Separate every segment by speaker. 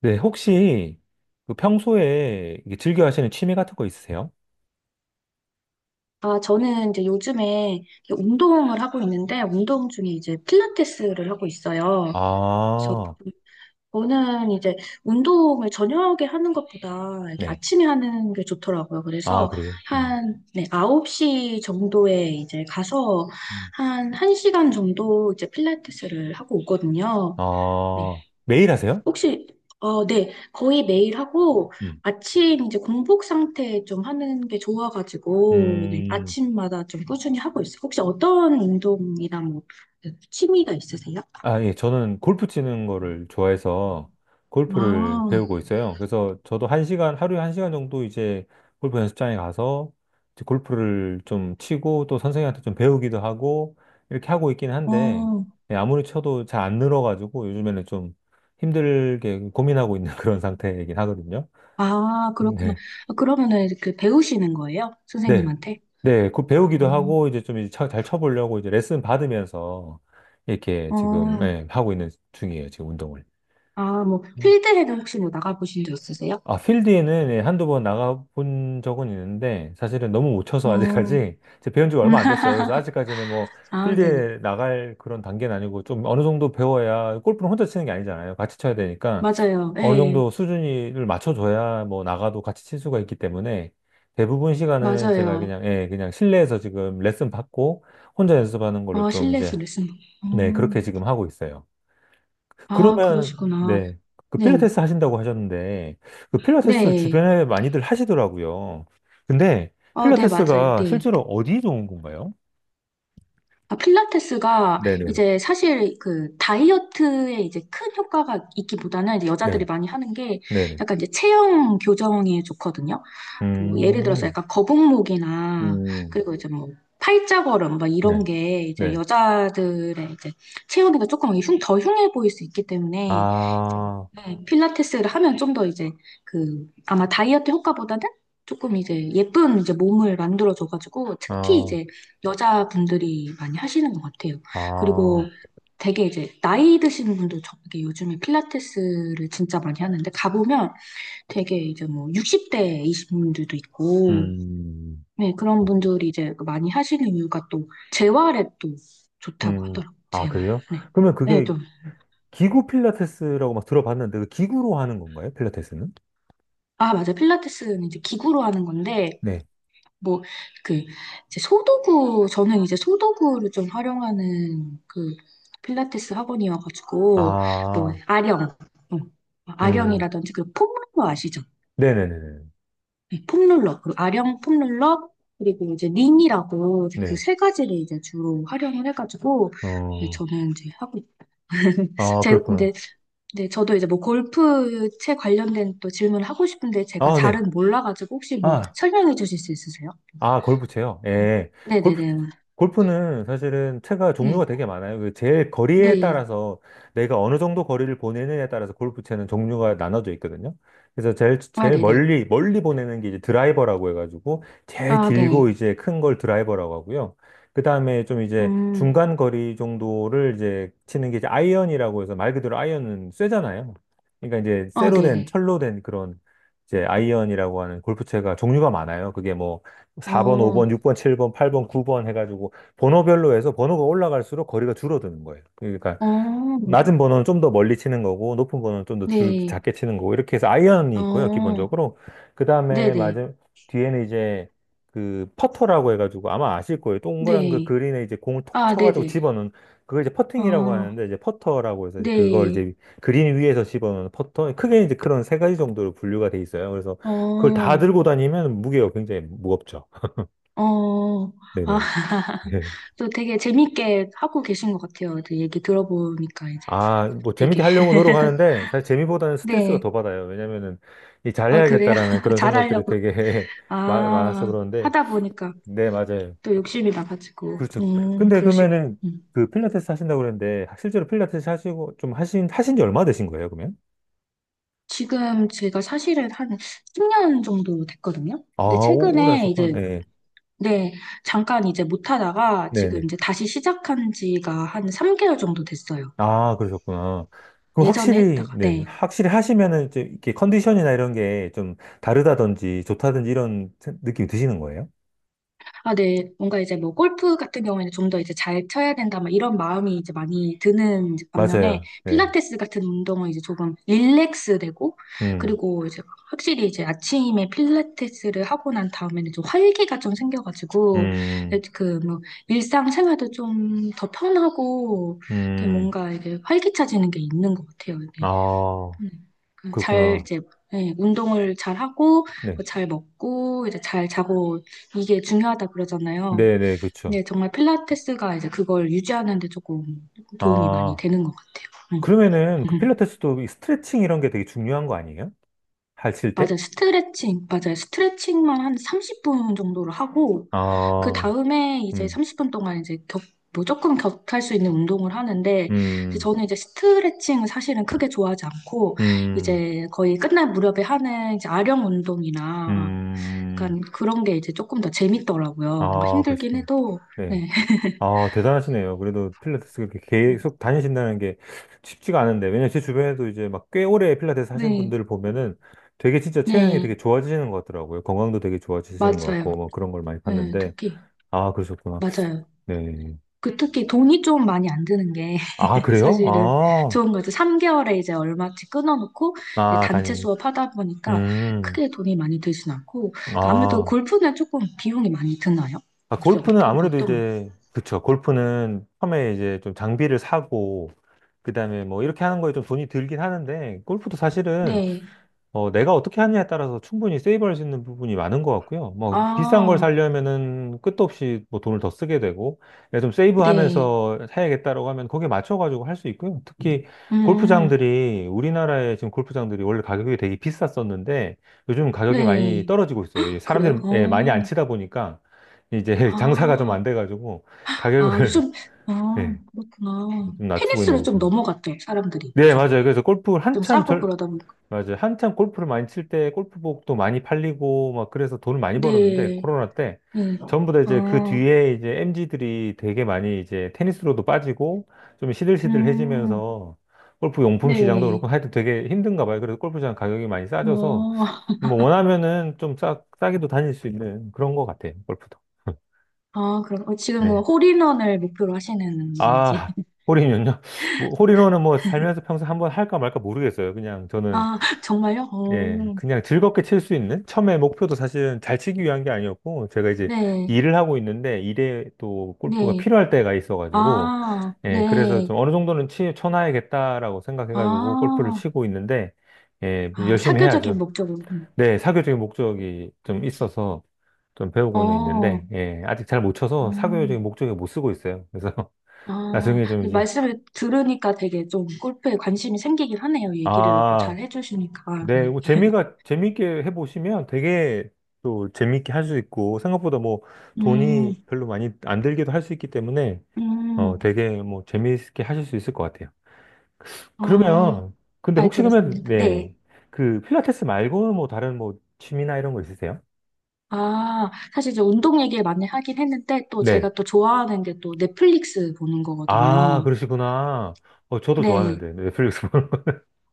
Speaker 1: 네, 혹시 그 평소에 이게 즐겨 하시는 취미 같은 거 있으세요?
Speaker 2: 아, 저는 이제 요즘에 운동을 하고 있는데, 운동 중에 이제 필라테스를 하고 있어요. 그래서
Speaker 1: 아,
Speaker 2: 저는 이제 운동을 저녁에 하는 것보다 이렇게
Speaker 1: 네.
Speaker 2: 아침에 하는 게 좋더라고요.
Speaker 1: 아,
Speaker 2: 그래서
Speaker 1: 그래요? 음.
Speaker 2: 한, 네, 9시 정도에 이제 가서
Speaker 1: 음.
Speaker 2: 한 1시간 정도 이제 필라테스를 하고 오거든요. 네.
Speaker 1: 아, 매일 하세요?
Speaker 2: 혹시, 어, 네. 거의 매일 하고,
Speaker 1: 음.
Speaker 2: 아침 이제 공복 상태 좀 하는 게 좋아가지고, 네,
Speaker 1: 음.
Speaker 2: 아침마다 좀 꾸준히 하고 있어요. 혹시 어떤 운동이나 뭐, 취미가 있으세요?
Speaker 1: 아, 예, 저는 골프 치는 거를 좋아해서 골프를
Speaker 2: 아,
Speaker 1: 배우고 있어요. 그래서 저도 1시간, 하루에 1시간 정도 이제 골프 연습장에 가서 이제 골프를 좀 치고 또 선생님한테 좀 배우기도 하고 이렇게 하고 있긴 한데
Speaker 2: 어,
Speaker 1: 예, 아무리 쳐도 잘 안 늘어가지고 요즘에는 좀 힘들게 고민하고 있는 그런 상태이긴 하거든요.
Speaker 2: 아, 그렇구나.
Speaker 1: 네.
Speaker 2: 아, 그러면은 그 배우시는 거예요?
Speaker 1: 네.
Speaker 2: 선생님한테?
Speaker 1: 네. 그
Speaker 2: 어,
Speaker 1: 배우기도 하고 이제 좀 이제 잘 쳐보려고 이제 레슨 받으면서 이렇게 지금
Speaker 2: 어,
Speaker 1: 예, 하고 있는 중이에요. 지금 운동을.
Speaker 2: 아, 뭐, 필드에는 혹시 뭐 나가보신 적 있으세요?
Speaker 1: 아, 필드에는 예, 한두 번 나가본 적은 있는데, 사실은 너무 못 쳐서
Speaker 2: 어,
Speaker 1: 아직까지, 제 배운 지가 얼마 안 됐어요. 그래서 아직까지는 뭐,
Speaker 2: 아, 네네.
Speaker 1: 필드에 나갈 그런 단계는 아니고, 좀 어느 정도 배워야, 골프는 혼자 치는 게 아니잖아요. 같이 쳐야 되니까,
Speaker 2: 맞아요.
Speaker 1: 어느
Speaker 2: 예,
Speaker 1: 정도 수준을 맞춰줘야 뭐, 나가도 같이 칠 수가 있기 때문에, 대부분 시간은 제가
Speaker 2: 맞아요.
Speaker 1: 그냥, 예, 그냥 실내에서 지금 레슨 받고, 혼자 연습하는 걸로
Speaker 2: 어,
Speaker 1: 좀
Speaker 2: 실내 수
Speaker 1: 이제,
Speaker 2: 레쓰
Speaker 1: 네, 그렇게 지금 하고 있어요.
Speaker 2: 아,
Speaker 1: 그러면,
Speaker 2: 그러시구나.
Speaker 1: 네. 그
Speaker 2: 네.
Speaker 1: 필라테스 하신다고 하셨는데, 그 필라테스를
Speaker 2: 네.
Speaker 1: 주변에 많이들 하시더라고요. 근데
Speaker 2: 어, 네, 맞아요.
Speaker 1: 필라테스가
Speaker 2: 네.
Speaker 1: 실제로 어디 좋은 건가요?
Speaker 2: 아, 필라테스가
Speaker 1: 네네.
Speaker 2: 이제 사실 그 다이어트에 이제 큰 효과가 있기보다는 이제 여자들이
Speaker 1: 네.
Speaker 2: 많이 하는 게
Speaker 1: 네네.
Speaker 2: 약간 이제 체형 교정에 좋거든요. 뭐 예를 들어서
Speaker 1: 음,
Speaker 2: 약간 거북목이나
Speaker 1: 음,
Speaker 2: 그리고 이제 뭐 팔자걸음 막
Speaker 1: 네.
Speaker 2: 이런 게 이제
Speaker 1: 네.
Speaker 2: 여자들의 이제 체형이 조금 더 흉해 보일 수 있기 때문에 이제,
Speaker 1: 아,
Speaker 2: 네, 필라테스를 하면 좀 더 이제 그 아마 다이어트 효과보다는 조금 이제 예쁜 이제 몸을 만들어줘가지고 특히
Speaker 1: 아,
Speaker 2: 이제 여자분들이 많이 하시는 것 같아요. 그리고
Speaker 1: 아,
Speaker 2: 되게 이제 나이 드신 분도 저게 요즘에 필라테스를 진짜 많이 하는데 가보면 되게 이제 뭐 60대이신 분들도 있고,
Speaker 1: 음,
Speaker 2: 네, 그런 분들이 이제 많이 하시는 이유가 또 재활에 또 좋다고
Speaker 1: 음.
Speaker 2: 하더라고요.
Speaker 1: 아,
Speaker 2: 재활.
Speaker 1: 그래요?
Speaker 2: 네.
Speaker 1: 그러면
Speaker 2: 네,
Speaker 1: 그게
Speaker 2: 좀.
Speaker 1: 기구 필라테스라고 막 들어봤는데, 그 기구로 하는 건가요? 필라테스는?
Speaker 2: 아, 맞아. 필라테스는 이제 기구로 하는 건데
Speaker 1: 네.
Speaker 2: 뭐, 그, 이제 소도구, 저는 이제 소도구를 좀 활용하는 그 필라테스 학원이어가지고, 뭐,
Speaker 1: 아,
Speaker 2: 아령, 어,
Speaker 1: 음,
Speaker 2: 아령이라든지 그 폼롤러 아시죠?
Speaker 1: 네네네네.
Speaker 2: 네, 폼롤러, 그 아령 폼롤러, 그리고 이제 링이라고 그
Speaker 1: 네.
Speaker 2: 세 가지를 이제 주로 활용을 해가지고, 네,
Speaker 1: 어,
Speaker 2: 저는 이제 하고,
Speaker 1: 아,
Speaker 2: 제,
Speaker 1: 그렇구나.
Speaker 2: 근데, 네, 저도 이제 뭐 골프채 관련된 또 질문을 하고 싶은데 제가
Speaker 1: 아, 네.
Speaker 2: 잘은 몰라가지고 혹시 뭐
Speaker 1: 아,
Speaker 2: 설명해 주실 수 있으세요?
Speaker 1: 아, 골프채요?
Speaker 2: 음.
Speaker 1: 예. 골프,
Speaker 2: 네네네.
Speaker 1: 골프는 사실은 채가
Speaker 2: 네.
Speaker 1: 종류가 되게 많아요. 그 제일 거리에
Speaker 2: 네.
Speaker 1: 따라서 내가 어느 정도 거리를 보내느냐에 따라서 골프채는 종류가 나눠져 있거든요. 그래서 제일,
Speaker 2: 아,
Speaker 1: 제일
Speaker 2: 네네.
Speaker 1: 멀리 보내는 게 이제 드라이버라고 해가지고 제일
Speaker 2: 아,
Speaker 1: 길고
Speaker 2: 네.
Speaker 1: 이제 큰 걸 드라이버라고 하고요. 그 다음에 좀 이제
Speaker 2: 음,
Speaker 1: 중간 거리 정도를 이제 치는 게 이제 아이언이라고 해서 말 그대로 아이언은 쇠잖아요. 그러니까 이제
Speaker 2: 어,
Speaker 1: 쇠로 된,
Speaker 2: 네네.
Speaker 1: 철로 된 그런 이제 아이언이라고 하는 골프채가 종류가 많아요. 그게 뭐
Speaker 2: 어,
Speaker 1: 4번,
Speaker 2: 어,
Speaker 1: 5번, 6번, 7번, 8번, 9번 해가지고 번호별로 해서 번호가 올라갈수록 거리가 줄어드는 거예요. 그러니까 낮은 번호는 좀 더 멀리 치는 거고 높은 번호는 좀 더
Speaker 2: 네.
Speaker 1: 작게 치는 거고 이렇게 해서 아이언이 있고요,
Speaker 2: 어,
Speaker 1: 기본적으로. 그 다음에
Speaker 2: 네네.
Speaker 1: 맞아 뒤에는 이제 그 퍼터라고 해가지고 아마 아실 거예요. 동그란 그
Speaker 2: 네.
Speaker 1: 그린에 이제 공을 톡
Speaker 2: 아,
Speaker 1: 쳐가지고
Speaker 2: 네네.
Speaker 1: 집어넣는 그걸 이제 퍼팅이라고
Speaker 2: 어,
Speaker 1: 하는데 이제 퍼터라고 해서 그걸
Speaker 2: 네.
Speaker 1: 이제 그린 위에서 집어넣는 퍼터 크게 이제 그런 3가지 정도로 분류가 돼 있어요. 그래서 그걸 다
Speaker 2: 어,
Speaker 1: 들고 다니면 무게가 굉장히 무겁죠.
Speaker 2: 어. 아,
Speaker 1: 네네.
Speaker 2: 또 되게 재밌게 하고 계신 것 같아요. 또 얘기 들어보니까 이제
Speaker 1: 아, 뭐
Speaker 2: 되게.
Speaker 1: 재밌게 하려고 노력하는데 사실 재미보다는 스트레스가
Speaker 2: 네.
Speaker 1: 더 받아요. 왜냐면은 이
Speaker 2: 아, 그래요?
Speaker 1: 잘해야겠다라는 그런 생각들이
Speaker 2: 잘하려고.
Speaker 1: 되게 많아서
Speaker 2: 아,
Speaker 1: 그런데
Speaker 2: 하다 보니까
Speaker 1: 네, 맞아요.
Speaker 2: 또 욕심이 나가지고.
Speaker 1: 그렇죠. 근데
Speaker 2: 그러시고.
Speaker 1: 그러면은
Speaker 2: 음.
Speaker 1: 그 필라테스 하신다고 그랬는데 실제로 필라테스 하시고 좀 하신 지 얼마 되신 거예요, 그러면?
Speaker 2: 지금 제가 사실은 한 10년 정도 됐거든요.
Speaker 1: 아,
Speaker 2: 근데
Speaker 1: 오래
Speaker 2: 최근에
Speaker 1: 하셨구나.
Speaker 2: 이제,
Speaker 1: 네.
Speaker 2: 네, 잠깐 이제 못 하다가 지금
Speaker 1: 네네.
Speaker 2: 이제 다시 시작한 지가 한 3개월 정도 됐어요.
Speaker 1: 아, 그러셨구나. 그럼
Speaker 2: 예전에
Speaker 1: 확실히
Speaker 2: 했다가,
Speaker 1: 네,
Speaker 2: 네.
Speaker 1: 확실히 하시면은 이제 이렇게 컨디션이나 이런 게 좀 다르다든지 좋다든지 이런 느낌이 드시는 거예요?
Speaker 2: 아, 네. 뭔가 이제 뭐 골프 같은 경우에는 좀 더 이제 잘 쳐야 된다, 막 이런 마음이 이제 많이 드는 이제 반면에
Speaker 1: 맞아요. 네.
Speaker 2: 필라테스 같은 운동은 이제 조금 릴렉스 되고,
Speaker 1: 음.
Speaker 2: 그리고 이제 확실히 이제 아침에 필라테스를 하고 난 다음에는 좀 활기가 좀 생겨가지고
Speaker 1: 음,
Speaker 2: 그 뭐 일상생활도 좀 더 편하고 이렇게
Speaker 1: 음,
Speaker 2: 뭔가 이게 활기차지는 게 있는 것 같아요.
Speaker 1: 아,
Speaker 2: 네. 그잘
Speaker 1: 그렇구나.
Speaker 2: 이제, 예, 운동을 잘 하고
Speaker 1: 네,
Speaker 2: 뭐잘 먹고 이제 잘 자고 이게 중요하다 그러잖아요.
Speaker 1: 네, 네, 그렇죠.
Speaker 2: 네, 정말 필라테스가 이제 그걸 유지하는 데 조금 도움이 많이
Speaker 1: 아,
Speaker 2: 되는 것 같아요.
Speaker 1: 그러면은 그
Speaker 2: 음.
Speaker 1: 필라테스도 이 스트레칭 이런 게 되게 중요한 거 아니에요? 하실 때?
Speaker 2: 맞아요. 스트레칭, 맞아요. 스트레칭만 한 30분 정도를 하고, 그
Speaker 1: 아,
Speaker 2: 다음에 이제
Speaker 1: 음,
Speaker 2: 30분 동안 이제 뭐 조금 격할 수 있는 운동을 하는데, 근데
Speaker 1: 음,
Speaker 2: 저는 이제 스트레칭은 사실은 크게 좋아하지 않고,
Speaker 1: 음,
Speaker 2: 이제 거의 끝날 무렵에 하는 이제 아령 운동이나,
Speaker 1: 음,
Speaker 2: 약간 그런 게 이제 조금 더 재밌더라고요. 뭔가
Speaker 1: 아,
Speaker 2: 힘들긴
Speaker 1: 그러시군.
Speaker 2: 해도,
Speaker 1: 네.
Speaker 2: 네.
Speaker 1: 아, 대단하시네요. 그래도 필라테스 그렇게 계속 다니신다는 게 쉽지가 않은데, 왜냐면 제 주변에도 이제 막 꽤 오래 필라테스 하신
Speaker 2: 네,
Speaker 1: 분들을 보면은 되게 진짜 체형이
Speaker 2: 네,
Speaker 1: 되게 좋아지시는 것 같더라고요. 건강도 되게 좋아지시는 것 같고,
Speaker 2: 맞아요.
Speaker 1: 뭐 그런 걸 많이
Speaker 2: 네,
Speaker 1: 봤는데,
Speaker 2: 특히,
Speaker 1: 아, 그러셨구나.
Speaker 2: 맞아요.
Speaker 1: 네.
Speaker 2: 그 특히 돈이 좀 많이 안 드는 게
Speaker 1: 아, 그래요?
Speaker 2: 사실은
Speaker 1: 아,
Speaker 2: 좋은 거죠. 3개월에 이제 얼마치 끊어놓고 이제
Speaker 1: 아,
Speaker 2: 단체
Speaker 1: 다니.
Speaker 2: 수업하다 보니까
Speaker 1: 음,
Speaker 2: 크게 돈이 많이 들진 않고 아무래도
Speaker 1: 아.
Speaker 2: 골프는 조금 비용이 많이 드나요?
Speaker 1: 아,
Speaker 2: 혹시
Speaker 1: 골프는
Speaker 2: 어떤
Speaker 1: 아무래도
Speaker 2: 어떤 거?
Speaker 1: 이제, 그쵸. 골프는 처음에 이제 좀 장비를 사고, 그 다음에 뭐 이렇게 하는 거에 좀 돈이 들긴 하는데, 골프도 사실은
Speaker 2: 네.
Speaker 1: 어, 내가 어떻게 하느냐에 따라서 충분히 세이브할 수 있는 부분이 많은 것 같고요. 뭐, 비싼 걸
Speaker 2: 아,
Speaker 1: 사려면은 끝도 없이 뭐 돈을 더 쓰게 되고, 내가 좀
Speaker 2: 네.
Speaker 1: 세이브하면서 사야겠다라고 하면 거기에 맞춰가지고 할 수 있고요. 특히
Speaker 2: 음,
Speaker 1: 골프장들이, 우리나라의 지금 골프장들이 원래 가격이 되게 비쌌었는데, 요즘 가격이 많이
Speaker 2: 네.
Speaker 1: 떨어지고 있어요. 이
Speaker 2: 그래요?
Speaker 1: 사람들이 예, 많이 안
Speaker 2: 어,
Speaker 1: 치다 보니까, 이제 장사가 좀 안
Speaker 2: 아,
Speaker 1: 돼가지고,
Speaker 2: 아,
Speaker 1: 가격을,
Speaker 2: 요즘, 아,
Speaker 1: 예,
Speaker 2: 그렇구나.
Speaker 1: 좀 낮추고
Speaker 2: 테니스로
Speaker 1: 있는
Speaker 2: 좀
Speaker 1: 지금.
Speaker 2: 넘어갔죠, 사람들이
Speaker 1: 네,
Speaker 2: 요즘에.
Speaker 1: 맞아요. 그래서 골프를
Speaker 2: 좀
Speaker 1: 한참
Speaker 2: 싸고
Speaker 1: 절,
Speaker 2: 그러다 보니까.
Speaker 1: 맞아요. 한참 골프를 많이 칠 때 골프복도 많이 팔리고 막 그래서 돈을 많이 벌었는데
Speaker 2: 네,
Speaker 1: 코로나 때
Speaker 2: 네.
Speaker 1: 전부 다 이제 그
Speaker 2: 아,
Speaker 1: 뒤에 이제 m 지들이 되게 많이 이제 테니스로도 빠지고 좀
Speaker 2: 음,
Speaker 1: 시들시들해지면서 골프 용품 시장도 그렇고
Speaker 2: 네.
Speaker 1: 하여튼 되게 힘든가 봐요. 그래서 골프장 가격이 많이 싸져서
Speaker 2: 어,
Speaker 1: 뭐 원하면은 좀 싸게도 다닐 수 있는 그런 것 같아요. 골프도.
Speaker 2: 아, 그럼 어, 지금 뭐
Speaker 1: 네.
Speaker 2: 홀인원을 목표로 하시는 건지.
Speaker 1: 아, 홀인원요? 뭐, 홀인원은 뭐 살면서 평소 한번 할까 말까 모르겠어요. 그냥 저는
Speaker 2: 아, 정말요? 어,
Speaker 1: 예, 그냥 즐겁게 칠 수 있는? 처음에 목표도 사실은 잘 치기 위한 게 아니었고, 제가 이제
Speaker 2: 네,
Speaker 1: 일을 하고 있는데, 일에 또 골프가
Speaker 2: 네.
Speaker 1: 필요할 때가 있어가지고,
Speaker 2: 아,
Speaker 1: 예, 그래서 좀
Speaker 2: 네.
Speaker 1: 어느 정도는 치, 쳐놔야겠다라고 생각해가지고 골프를
Speaker 2: 아,
Speaker 1: 치고 있는데, 예,
Speaker 2: 아,
Speaker 1: 열심히
Speaker 2: 사교적인
Speaker 1: 해야죠.
Speaker 2: 목적으로. 음.
Speaker 1: 네, 사교적인 목적이 좀 있어서 좀 배우고는
Speaker 2: 어,
Speaker 1: 있는데, 예, 아직 잘 못 쳐서 사교적인
Speaker 2: 음,
Speaker 1: 목적에 못 쓰고 있어요. 그래서
Speaker 2: 아,
Speaker 1: 나중에 좀 이제,
Speaker 2: 말씀을 들으니까 되게 좀 골프에 관심이 생기긴 하네요. 얘기를 또
Speaker 1: 아,
Speaker 2: 잘 해주시니까.
Speaker 1: 네,
Speaker 2: 네.
Speaker 1: 뭐 재미가 재밌게 해보시면 되게 또 재밌게 할 수 있고 생각보다 뭐
Speaker 2: 음,
Speaker 1: 돈이 별로 많이 안 들기도 할 수 있기 때문에 어
Speaker 2: 음,
Speaker 1: 되게 뭐 재미있게 하실 수 있을 것 같아요.
Speaker 2: 아,
Speaker 1: 그러면 근데
Speaker 2: 잘
Speaker 1: 혹시 그러면
Speaker 2: 들었습니다.
Speaker 1: 네.
Speaker 2: 네.
Speaker 1: 그 필라테스 말고는 뭐 다른 뭐 취미나 이런 거 있으세요?
Speaker 2: 아, 사실 이제 운동 얘기를 많이 하긴 했는데 또
Speaker 1: 네.
Speaker 2: 제가 또 좋아하는 게 또 넷플릭스 보는
Speaker 1: 아,
Speaker 2: 거거든요.
Speaker 1: 그러시구나. 어 저도
Speaker 2: 네.
Speaker 1: 좋아하는데 넷플릭스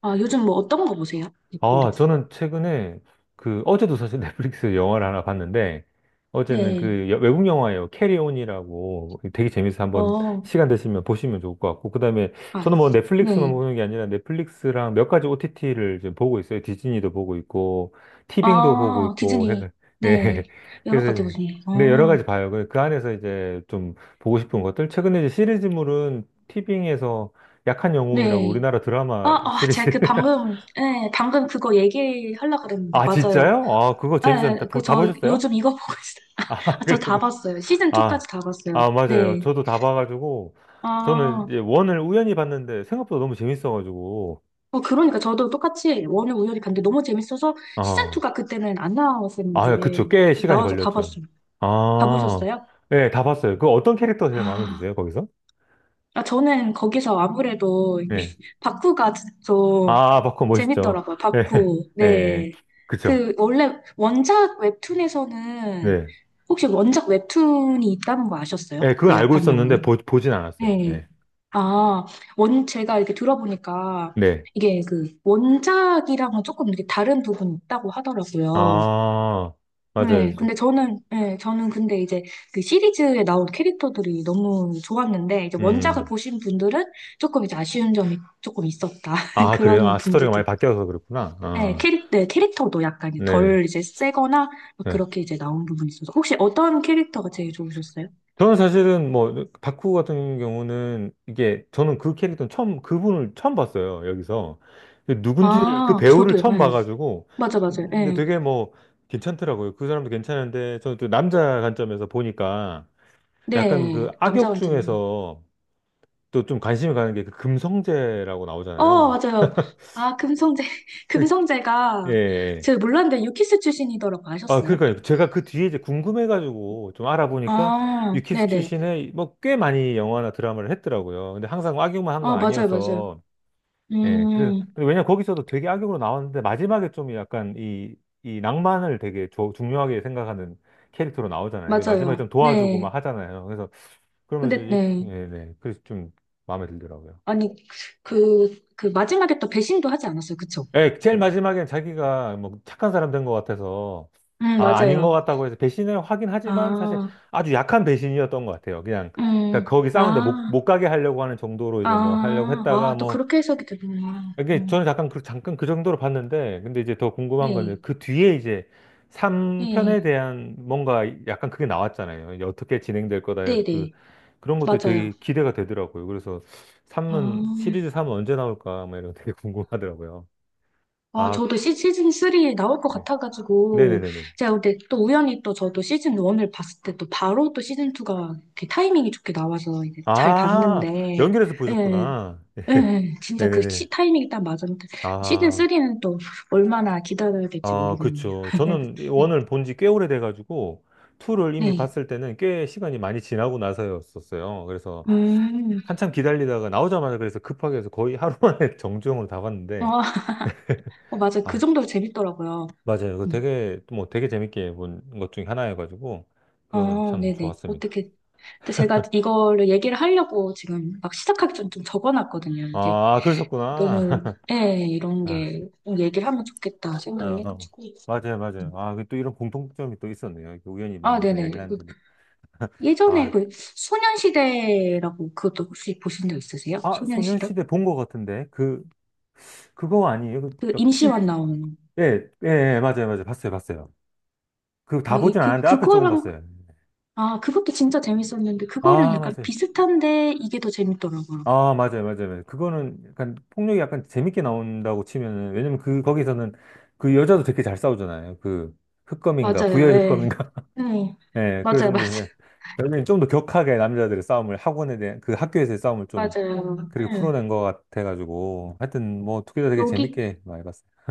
Speaker 2: 아, 요즘 뭐 어떤 거 보세요?
Speaker 1: 아,
Speaker 2: 넷플릭스.
Speaker 1: 저는 최근에 그 어제도 사실 넷플릭스 영화를 하나 봤는데 어제는
Speaker 2: 네.
Speaker 1: 그 외국 영화예요. 캐리온이라고 되게 재밌어서 한번
Speaker 2: 어,
Speaker 1: 시간 되시면 보시면 좋을 것 같고 그다음에
Speaker 2: 아,
Speaker 1: 저는 뭐 넷플릭스만
Speaker 2: 네.
Speaker 1: 보는 게 아니라 넷플릭스랑 몇 가지 OTT를 지금 보고 있어요. 디즈니도 보고 있고 티빙도 보고
Speaker 2: 아,
Speaker 1: 있고 해서
Speaker 2: 디즈니.
Speaker 1: 네.
Speaker 2: 네. 여러
Speaker 1: 그래서
Speaker 2: 가지
Speaker 1: 이제
Speaker 2: 보시네요.
Speaker 1: 네, 여러 가지
Speaker 2: 어,
Speaker 1: 봐요. 그그 안에서 이제 좀 보고 싶은 것들 최근에 이제 시리즈물은 티빙에서 약한 영웅이라고
Speaker 2: 네.
Speaker 1: 우리나라
Speaker 2: 아,
Speaker 1: 드라마
Speaker 2: 아, 제가
Speaker 1: 시리즈
Speaker 2: 그 방금, 네, 방금 그거 얘기하려고 그랬는데,
Speaker 1: 아,
Speaker 2: 맞아요.
Speaker 1: 진짜요? 아, 그거 재밌었는데.
Speaker 2: 네, 그
Speaker 1: 다
Speaker 2: 저
Speaker 1: 보셨어요?
Speaker 2: 요즘 이거 보고 있어요.
Speaker 1: 아,
Speaker 2: 아, 저 다
Speaker 1: 그리고,
Speaker 2: 봤어요. 시즌
Speaker 1: 아,
Speaker 2: 2까지 다 봤어요.
Speaker 1: 아, 맞아요.
Speaker 2: 네.
Speaker 1: 저도 다 봐가지고, 저는
Speaker 2: 아.
Speaker 1: 이제 원을 우연히 봤는데, 생각보다 너무 재밌어가지고,
Speaker 2: 어, 그러니까 저도 똑같이 원을 우연히 봤는데 너무 재밌어서
Speaker 1: 아,
Speaker 2: 시즌2가 그때는 안 나왔었는데
Speaker 1: 아, 그쵸. 꽤
Speaker 2: 이제
Speaker 1: 시간이
Speaker 2: 나와서 다
Speaker 1: 걸렸죠.
Speaker 2: 봤어요. 다
Speaker 1: 아,
Speaker 2: 보셨어요?
Speaker 1: 예, 다 봤어요. 그 어떤 캐릭터가 제일 마음에
Speaker 2: 아,
Speaker 1: 드세요, 거기서?
Speaker 2: 아, 저는 거기서 아무래도 이게
Speaker 1: 예.
Speaker 2: 바쿠가 좀
Speaker 1: 아, 바코 멋있죠.
Speaker 2: 재밌더라고요.
Speaker 1: 예,
Speaker 2: 바쿠.
Speaker 1: 예,
Speaker 2: 네.
Speaker 1: 그쵸.
Speaker 2: 그 원래 원작 웹툰에서는
Speaker 1: 네.
Speaker 2: 혹시 원작 웹툰이 있다는 거 아셨어요?
Speaker 1: 예, 그건
Speaker 2: 그
Speaker 1: 알고
Speaker 2: 약한
Speaker 1: 있었는데,
Speaker 2: 영웅이?
Speaker 1: 보진 않았어요.
Speaker 2: 네.
Speaker 1: 예.
Speaker 2: 아, 원, 제가 이렇게 들어보니까
Speaker 1: 네.
Speaker 2: 이게 그 원작이랑은 조금 이렇게 다른 부분이 있다고 하더라고요.
Speaker 1: 아, 맞아요.
Speaker 2: 네. 근데 저는, 네, 저는 근데 이제 그 시리즈에 나온 캐릭터들이 너무 좋았는데, 이제 원작을
Speaker 1: 음.
Speaker 2: 보신 분들은 조금 이제 아쉬운 점이 조금 있었다.
Speaker 1: 아, 그래요?
Speaker 2: 그런
Speaker 1: 아, 스토리가
Speaker 2: 분들도
Speaker 1: 많이
Speaker 2: 있
Speaker 1: 바뀌어서 그렇구나.
Speaker 2: 네,
Speaker 1: 아,
Speaker 2: 네, 캐릭터도 약간
Speaker 1: 네.
Speaker 2: 덜 이제 세거나 막
Speaker 1: 네.
Speaker 2: 그렇게 이제 나온 부분이 있어서. 혹시 어떤 캐릭터가 제일 좋으셨어요?
Speaker 1: 저는 사실은 뭐, 바쿠 같은 경우는 이게, 저는 그 캐릭터는 처음, 그분을 처음 봤어요, 여기서. 누군지를, 그
Speaker 2: 아,
Speaker 1: 배우를
Speaker 2: 저도요.
Speaker 1: 처음
Speaker 2: 예.
Speaker 1: 봐가지고,
Speaker 2: 맞아, 맞아요.
Speaker 1: 근데
Speaker 2: 예.
Speaker 1: 되게 뭐, 괜찮더라고요. 그 사람도 괜찮은데, 저는 또 남자 관점에서 보니까, 약간 그
Speaker 2: 네, 남자
Speaker 1: 악역
Speaker 2: 관점.
Speaker 1: 중에서 또 좀 관심이 가는 게 그 금성재라고
Speaker 2: 어,
Speaker 1: 나오잖아요.
Speaker 2: 맞아요. 아, 금성재.
Speaker 1: 그, 예,
Speaker 2: 금성재가,
Speaker 1: 예.
Speaker 2: 제가 몰랐는데 유키스 출신이더라고
Speaker 1: 아,
Speaker 2: 아셨어요?
Speaker 1: 그러니까요. 제가 그 뒤에 이제 궁금해가지고 좀 알아보니까
Speaker 2: 아,
Speaker 1: 유키스
Speaker 2: 네네.
Speaker 1: 출신의 뭐 꽤 많이 영화나 드라마를 했더라고요. 근데 항상 악역만 한 건
Speaker 2: 아, 맞아요, 맞아요.
Speaker 1: 아니어서. 예, 그래서,
Speaker 2: 음,
Speaker 1: 근데 왜냐면 거기서도 되게 악역으로 나왔는데 마지막에 좀 약간 이, 이 낭만을 되게 중요하게 생각하는 캐릭터로 나오잖아요. 그 마지막에
Speaker 2: 맞아요.
Speaker 1: 좀 도와주고
Speaker 2: 네.
Speaker 1: 막 하잖아요. 그래서 그러면서
Speaker 2: 근데,
Speaker 1: 이렇게,
Speaker 2: 네.
Speaker 1: 예, 네. 그래서 좀 마음에 들더라고요.
Speaker 2: 아니, 그 마지막에 또 배신도 하지 않았어요. 그쵸?
Speaker 1: 예, 제일 마지막엔 자기가 뭐 착한 사람 된 것 같아서, 아, 아닌 것
Speaker 2: 맞아요.
Speaker 1: 같다고 해서 배신을 하긴 하지만 사실
Speaker 2: 아,
Speaker 1: 아주 약한 배신이었던 것 같아요. 그냥,
Speaker 2: 음,
Speaker 1: 그러니까 거기 싸우는데 못,
Speaker 2: 아,
Speaker 1: 못 가게 하려고 하는 정도로 이제 뭐 하려고
Speaker 2: 아,
Speaker 1: 했다가
Speaker 2: 아, 또
Speaker 1: 뭐,
Speaker 2: 그렇게 해석이 되는구나.
Speaker 1: 이게 저는 잠깐 그, 잠깐 그 정도로 봤는데, 근데 이제 더 궁금한 건
Speaker 2: 네,
Speaker 1: 그 뒤에 이제 3편에
Speaker 2: 네,
Speaker 1: 대한 뭔가 약간 그게 나왔잖아요. 이제 어떻게 진행될 거다. 해 그,
Speaker 2: 네네.
Speaker 1: 그런 것도
Speaker 2: 맞아요.
Speaker 1: 되게 기대가 되더라고요. 그래서 삼은
Speaker 2: 아.
Speaker 1: 시리즈 3은 언제 나올까? 막 이런 거 되게 궁금하더라고요.
Speaker 2: 아,
Speaker 1: 아,
Speaker 2: 저도 시즌 3 나올 것
Speaker 1: 네.
Speaker 2: 같아가지고,
Speaker 1: 네네네네.
Speaker 2: 제가 근데 또 우연히 또 저도 시즌 1을 봤을 때 또 바로 또 시즌 2가 타이밍이 좋게 나와서 이제 잘
Speaker 1: 아,
Speaker 2: 봤는데,
Speaker 1: 연결해서
Speaker 2: 예,
Speaker 1: 보셨구나. 예.
Speaker 2: 예, 진짜
Speaker 1: 네네네.
Speaker 2: 타이밍이 딱 맞았는데, 시즌
Speaker 1: 아,
Speaker 2: 3는 또 얼마나 기다려야 될지
Speaker 1: 아,
Speaker 2: 모르겠네요.
Speaker 1: 그쵸. 저는 이
Speaker 2: 네,
Speaker 1: 원을 본지 꽤 오래돼가지고, 투를 이미
Speaker 2: 네.
Speaker 1: 봤을 때는 꽤 시간이 많이 지나고 나서였었어요. 그래서
Speaker 2: 음,
Speaker 1: 한참 기다리다가 나오자마자 그래서 급하게 해서 거의 하루 만에 정주행으로 다 봤는데,
Speaker 2: 아, 어, 맞아. 그
Speaker 1: 아,
Speaker 2: 정도로 재밌더라고요.
Speaker 1: 맞아요. 그거
Speaker 2: 음.
Speaker 1: 되게, 뭐 되게 재밌게 본 것 중에 하나여가지고, 그거는
Speaker 2: 어,
Speaker 1: 참
Speaker 2: 네네.
Speaker 1: 좋았습니다.
Speaker 2: 어떻게, 근데 제가 이거를 얘기를 하려고 지금 막 시작하기 전좀 적어놨거든요. 이제
Speaker 1: 아, 그러셨구나.
Speaker 2: 너무, 예, 이런
Speaker 1: 아,
Speaker 2: 게좀 얘기하면 좋겠다
Speaker 1: 어,
Speaker 2: 생각을
Speaker 1: 어.
Speaker 2: 해가지고.
Speaker 1: 맞아요, 맞아요. 아, 그또 이런 공통점이 또 있었네요. 이렇게 우연히
Speaker 2: 아,
Speaker 1: 만나서
Speaker 2: 네네.
Speaker 1: 이야기를
Speaker 2: 그
Speaker 1: 하는데도.
Speaker 2: 예전에
Speaker 1: 아,
Speaker 2: 그 소년시대라고 그것도 혹시 보신 적 있으세요?
Speaker 1: 아, 소년
Speaker 2: 소년시대?
Speaker 1: 시대 본 것 같은데. 그, 그거 아니에요? 그,
Speaker 2: 그
Speaker 1: 저 충,
Speaker 2: 임시완 나오는.
Speaker 1: 예, 예, 예, 맞아요, 맞아요. 봤어요, 봤어요. 그 다
Speaker 2: 아, 이,
Speaker 1: 보진 않았는데 앞에 조금
Speaker 2: 그거랑,
Speaker 1: 봤어요.
Speaker 2: 아, 그것도 진짜 재밌었는데, 그거랑
Speaker 1: 아,
Speaker 2: 약간
Speaker 1: 맞아요.
Speaker 2: 비슷한데, 이게 더 재밌더라고요.
Speaker 1: 아, 맞아요, 맞아요. 맞아요. 그거는 약간 폭력이 약간 재밌게 나온다고 치면은, 왜냐면 그, 거기서는 그 여자도 되게 잘 싸우잖아요. 그, 흑검인가,
Speaker 2: 맞아요,
Speaker 1: 부여의
Speaker 2: 예.
Speaker 1: 흑검인가.
Speaker 2: 네.
Speaker 1: 예, 그래서
Speaker 2: 맞아요,
Speaker 1: 이제,
Speaker 2: 맞아요,
Speaker 1: 여기는 좀 더 격하게 남자들의 싸움을, 학원에 대한, 그 학교에서의 싸움을 좀
Speaker 2: 맞아요.
Speaker 1: 그렇게
Speaker 2: 예.
Speaker 1: 풀어낸 것 같아가지고 하여튼 뭐 2개 다 되게
Speaker 2: 여기,
Speaker 1: 재밌게 많이 봤어요.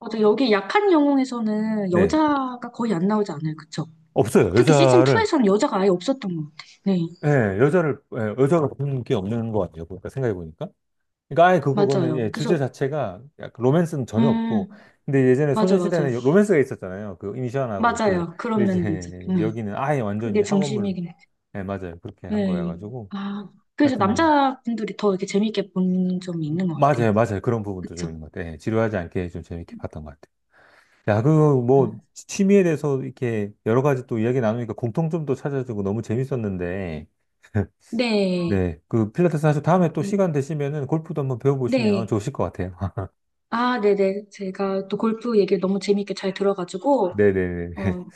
Speaker 2: 맞아, 여기 약한 영웅에서는
Speaker 1: 네,
Speaker 2: 여자가 거의 안 나오지 않아요, 그쵸?
Speaker 1: 없어요.
Speaker 2: 특히 시즌2에서는 여자가 아예 없었던 것 같아. 요 네,
Speaker 1: 예, 여자를 예, 여자가 보는 게 없는 것 같아요. 보니까 생각해 보니까. 그러니까 아예 그, 그거는
Speaker 2: 맞아요.
Speaker 1: 예, 주제
Speaker 2: 그래서,
Speaker 1: 자체가 약간 로맨스는 전혀
Speaker 2: 음,
Speaker 1: 없고 근데 예전에
Speaker 2: 맞아, 맞아.
Speaker 1: 소녀시대는 로맨스가 있었잖아요. 그 이니션하고 그
Speaker 2: 맞아요. 그런
Speaker 1: 근데 이제
Speaker 2: 면도 있었 네.
Speaker 1: 여기는 아예 완전히
Speaker 2: 그게
Speaker 1: 학원물
Speaker 2: 중심이긴 해.
Speaker 1: 예, 맞아요. 그렇게 한
Speaker 2: 네.
Speaker 1: 거여가지고
Speaker 2: 아, 그래서
Speaker 1: 하여튼 뭐
Speaker 2: 남자분들이 더 이렇게 재밌게 본 점이 있는 것 같아요.
Speaker 1: 맞아요, 맞아요. 그런 부분도 좀
Speaker 2: 그쵸?
Speaker 1: 있는 것 같아요. 예, 지루하지 않게 좀 재밌게 봤던 것 같아요. 야, 그, 뭐,
Speaker 2: 음.
Speaker 1: 취미에 대해서 이렇게 여러 가지 또 이야기 나누니까 공통점도 찾아주고 너무 재밌었는데,
Speaker 2: 네.
Speaker 1: 네, 그 필라테스 하고 다음에 또
Speaker 2: 이,
Speaker 1: 시간 되시면은 골프도 한번 배워보시면
Speaker 2: 네.
Speaker 1: 좋으실 것 같아요.
Speaker 2: 아, 네네. 제가 또 골프 얘기를 너무 재밌게 잘 들어가지고,
Speaker 1: 네네네.
Speaker 2: 어,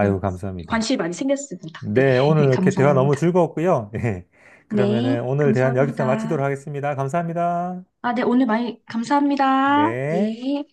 Speaker 2: 네.
Speaker 1: 감사합니다.
Speaker 2: 관심이 많이 생겼습니다. 네.
Speaker 1: 네, 오늘 이렇게 대화 너무
Speaker 2: 감사합니다.
Speaker 1: 즐거웠고요. 예. 그러면은
Speaker 2: 네.
Speaker 1: 오늘 대화 여기서 마치도록
Speaker 2: 감사합니다.
Speaker 1: 하겠습니다. 감사합니다.
Speaker 2: 아, 네. 오늘 많이 감사합니다.
Speaker 1: 네.
Speaker 2: 네.